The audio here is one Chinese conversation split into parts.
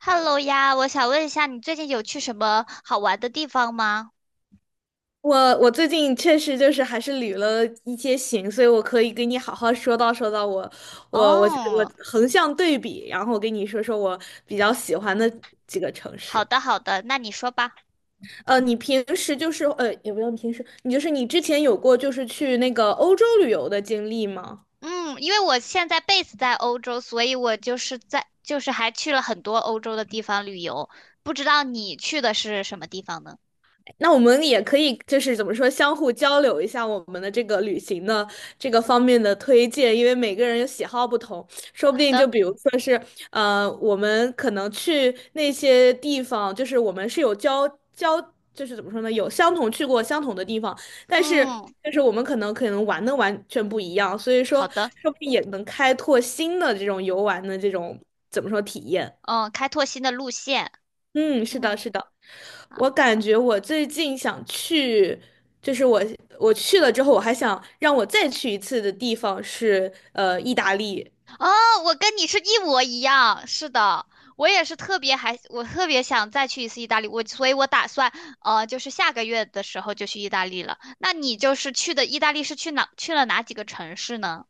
Hello 呀，我想问一下，你最近有去什么好玩的地方吗？我最近确实就是还是旅了一些行，所以我可以给你好好说道说道我我我哦，我横向对比，然后跟你说说我比较喜欢的几个城市。好的好的，那你说吧。你平时就是也不用平时，你就是你之前有过就是去那个欧洲旅游的经历吗？嗯，因为我现在 base 在欧洲，所以我就是在就是还去了很多欧洲的地方旅游。不知道你去的是什么地方呢？那我们也可以就是怎么说，相互交流一下我们的这个旅行的这个方面的推荐，因为每个人喜好不同，说不好定就的。比如说是我们可能去那些地方，就是我们是有交，就是怎么说呢，有相同去过相同的地方，但是嗯，就是我们可能玩的完全不一样，所以说好的。说不定也能开拓新的这种游玩的这种怎么说体验。嗯，开拓新的路线。嗯，是嗯。的，是的，我感觉我最近想去，就是我去了之后，我还想让我再去一次的地方是意大利。哦，我跟你是一模一样，是的，我也是特别还，我特别想再去一次意大利，所以，我打算就是下个月的时候就去意大利了。那你去的意大利是去了哪几个城市呢？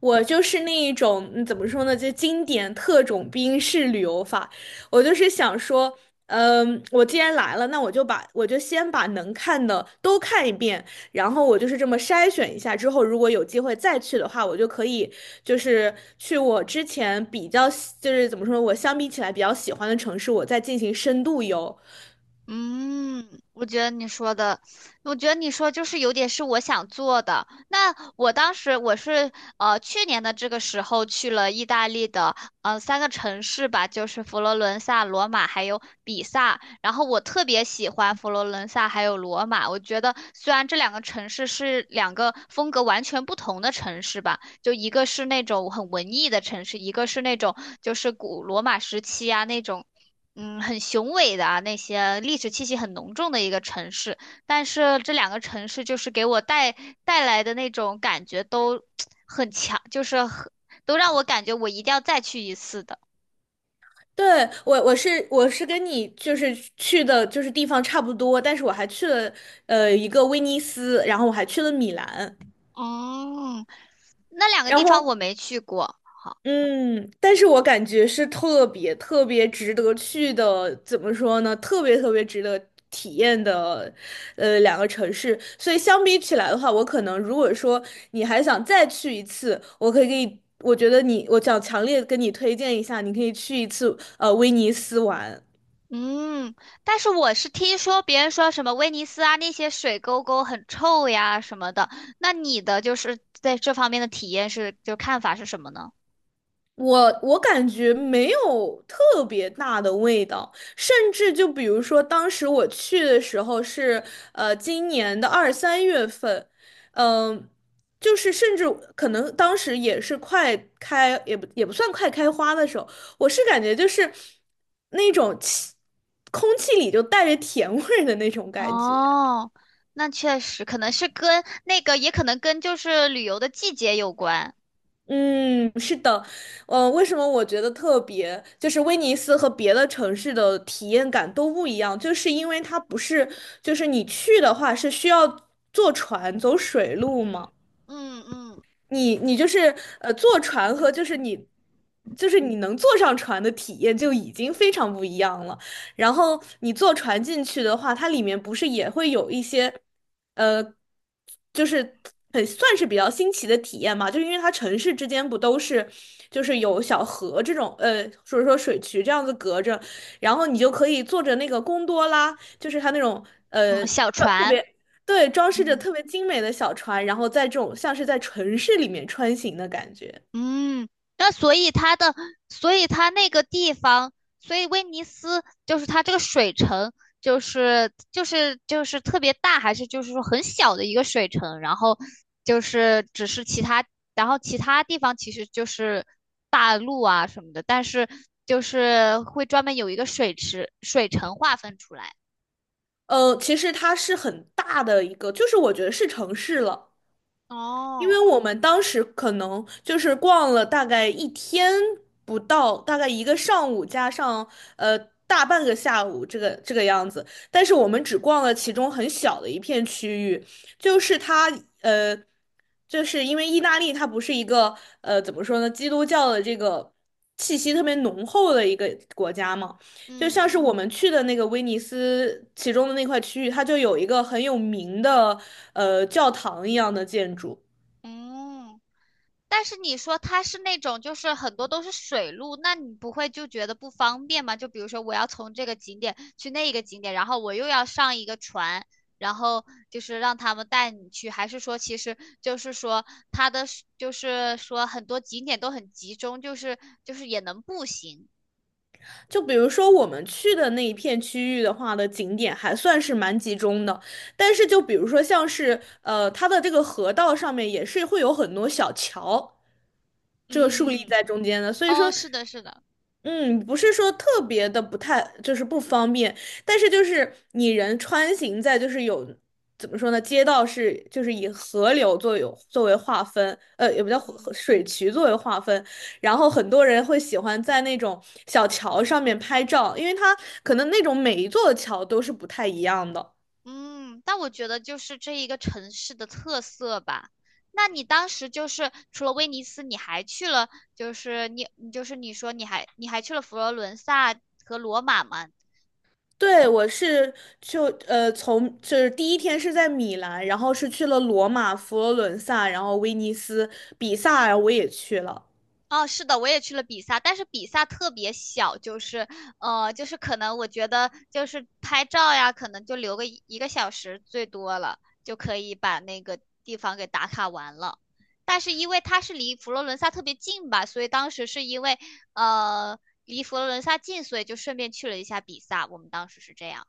我就是那一种，嗯怎么说呢，就经典特种兵式旅游法。我就是想说，嗯，我既然来了，那我就先把能看的都看一遍，然后我就是这么筛选一下，之后如果有机会再去的话，我就可以就是去我之前比较喜就是怎么说，我相比起来比较喜欢的城市，我再进行深度游。嗯，我觉得你说的，我觉得你说有点是我想做的。那我当时是去年的这个时候去了意大利的三个城市吧，就是佛罗伦萨、罗马还有比萨。然后我特别喜欢佛罗伦萨还有罗马，我觉得虽然这两个城市是两个风格完全不同的城市吧。就一个是那种很文艺的城市，一个是那种就是古罗马时期啊那种，嗯，很雄伟的啊那些历史气息很浓重的一个城市。但是这两个城市就是给我带来的那种感觉都很强，就是很都让我感觉我一定要再去一次的。对，我是跟你就是去的就是地方差不多，但是我还去了一个威尼斯，然后我还去了米兰，哦，那两个然地方我后没去过。嗯，但是我感觉是特别特别值得去的，怎么说呢？特别特别值得体验的两个城市，所以相比起来的话，我可能如果说你还想再去一次，我可以给你，我觉得你我想强烈跟你推荐一下，你可以去一次威尼斯玩。嗯，但是我是听说别人说什么威尼斯啊那些水沟沟很臭呀什么的，那你的就是在这方面的体验是，就看法是什么呢？我感觉没有特别大的味道，甚至就比如说当时我去的时候是今年的二三月份，嗯、就是甚至可能当时也是快开，也不算快开花的时候，我是感觉就是那种气，空气里就带着甜味儿的那种感觉。哦，那确实可能是跟那个，也可能跟就是旅游的季节有关。嗯，是的，为什么我觉得特别，就是威尼斯和别的城市的体验感都不一样，就是因为它不是，就是你去的话是需要坐船走水路嘛。嗯嗯。你就是坐船和就是你就是你能坐上船的体验就已经非常不一样了。然后你坐船进去的话，它里面不是也会有一些呃，就是很算是比较新奇的体验嘛，就是因为它城市之间不都是就是有小河这种所以说水渠这样子隔着，然后你就可以坐着那个贡多拉，就是它那种嗯，呃。小特船。别。对，装饰着嗯。特别精美的小船，然后在这种像是在城市里面穿行的感觉。嗯，那所以它的，所以它那个地方，所以威尼斯就是它这个水城，就是特别大，还是就是说很小的一个水城，然后就是只是其他，然后其他地方其实就是大陆啊什么的，但是就是会专门有一个水池，水城划分出来。其实它是很大的一个，就是我觉得是城市了，因哦。为我们当时可能就是逛了大概一天不到，大概一个上午加上呃大半个下午，这个样子。但是我们只逛了其中很小的一片区域，就是它呃，就是因为意大利它不是一个怎么说呢，基督教的这个气息特别浓厚的一个国家嘛。就嗯。像是我们去的那个威尼斯其中的那块区域，它就有一个很有名的教堂一样的建筑。哦。但是你说它是那种就是很多都是水路，那你不会就觉得不方便吗？就比如说我要从这个景点去那一个景点，然后我又要上一个船，然后就是让他们带你去，还是说其实就是说很多景点都很集中，就是也能步行。就比如说我们去的那一片区域的话的景点还算是蛮集中的，但是就比如说像是它的这个河道上面也是会有很多小桥，这个竖立嗯。在中间的，所以哦，说。是的，是的。嗯，不是说特别的不太，就是不方便，但是就是你人穿行在就是有怎么说呢，街道是就是以河流作有作为划分，也不叫河嗯。河水渠作为划分，然后很多人会喜欢在那种小桥上面拍照，因为它可能那种每一座桥都是不太一样的。嗯，但我觉得就是这一个城市的特色吧。那你当时就是除了威尼斯，你还去了，就是你，你就是你说你还你还去了佛罗伦萨和罗马吗？对，我是就从就是第一天是在米兰，然后是去了罗马、佛罗伦萨，然后威尼斯、比萨，我也去了。哦，是的，我也去了比萨，但是比萨特别小，就是就是可能我觉得就是拍照呀，可能就留个一个小时最多了，就可以把那个地方给打卡完了。但是因为它是离佛罗伦萨特别近吧，所以当时是因为离佛罗伦萨近，所以就顺便去了一下比萨。我们当时是这样。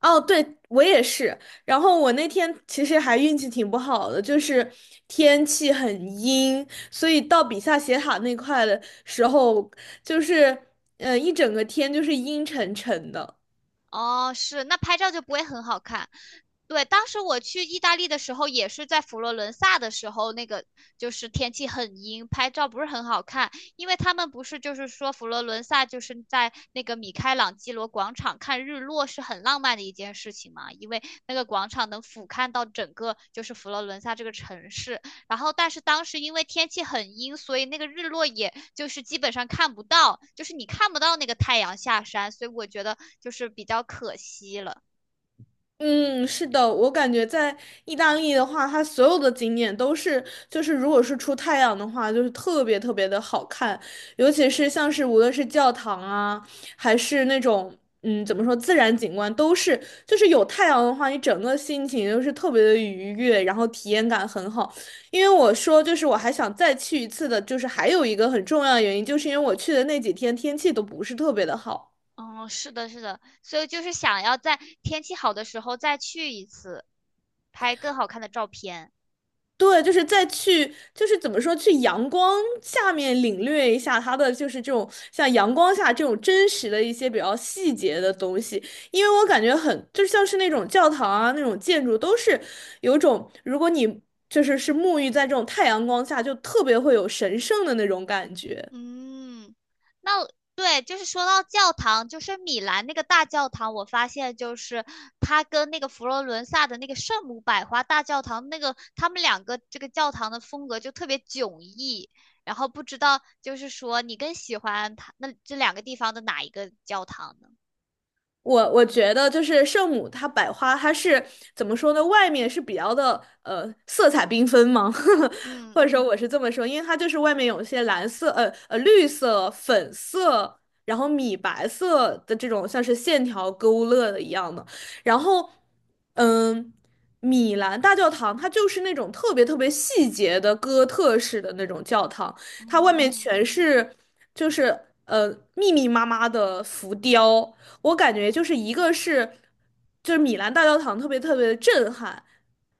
哦，对，我也是。然后我那天其实还运气挺不好的，就是天气很阴，所以到比萨斜塔那块的时候，就是一整个天就是阴沉沉的。哦，是，那拍照就不会很好看。对，当时我去意大利的时候，也是在佛罗伦萨的时候，那个就是天气很阴，拍照不是很好看，因为他们不是就是说佛罗伦萨就是在那个米开朗基罗广场看日落是很浪漫的一件事情嘛，因为那个广场能俯瞰到整个就是佛罗伦萨这个城市，然后，但是当时因为天气很阴，所以那个日落也就是基本上看不到，就是你看不到那个太阳下山，所以我觉得就是比较可惜了。嗯，是的，我感觉在意大利的话，它所有的景点都是，就是如果是出太阳的话，就是特别特别的好看，尤其是像是无论是教堂啊，还是那种嗯怎么说自然景观，都是就是有太阳的话，你整个心情就是特别的愉悦，然后体验感很好。因为我说就是我还想再去一次的，就是还有一个很重要的原因，就是因为我去的那几天天气都不是特别的好。嗯，是的，是的，所以就是想要在天气好的时候再去一次，拍更好看的照片。对，就是再去，就是怎么说，去阳光下面领略一下它的，就是这种像阳光下这种真实的一些比较细节的东西，因为我感觉很，就像是那种教堂啊，那种建筑都是有种，如果你就是沐浴在这种太阳光下，就特别会有神圣的那种感觉。嗯，那对，就是说到教堂，就是米兰那个大教堂，我发现就是它跟那个佛罗伦萨的那个圣母百花大教堂，那个他们两个这个教堂的风格就特别迥异。然后不知道就是说你更喜欢它那这两个地方的哪一个教堂呢？我觉得就是圣母它百花，它是怎么说呢？外面是比较的色彩缤纷吗？嗯。或者说我是这么说，因为它就是外面有一些蓝色、绿色、粉色，然后米白色的这种像是线条勾勒的一样的。然后，嗯，米兰大教堂它就是那种特别特别细节的哥特式的那种教堂，它外面哦。全是就是呃密密麻麻的浮雕。我感觉就是一个是，就是米兰大教堂特别特别的震撼，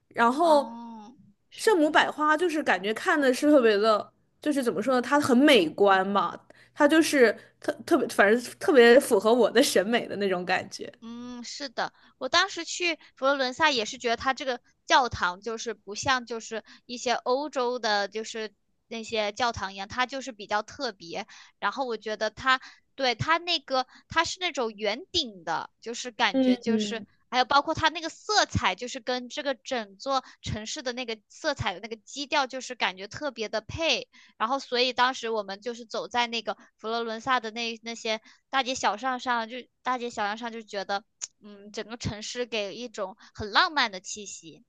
然后哦，是圣的。母百花就是感觉看的是特别的，就是怎么说呢，它很美观嘛，它就是特特别，反正特别符合我的审美的那种感觉。嗯，是的，我当时去佛罗伦萨也是觉得它这个教堂就是不像就是一些欧洲的，就是那些教堂一样，它就是比较特别。然后我觉得它对它那个它是那种圆顶的，就是感嗯觉就是嗯，还有包括它那个色彩，就是跟这个整座城市的那个色彩的那个基调，就是感觉特别的配。然后，所以当时我们就是走在那个佛罗伦萨的那些大街小巷上，就觉得，嗯，整个城市给一种很浪漫的气息。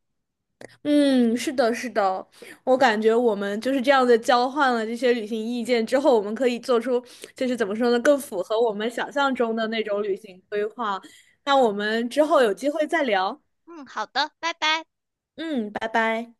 嗯，是的，是的，我感觉我们就是这样的交换了这些旅行意见之后，我们可以做出就是怎么说呢，更符合我们想象中的那种旅行规划。那我们之后有机会再聊。嗯，好的，拜拜。嗯，拜拜。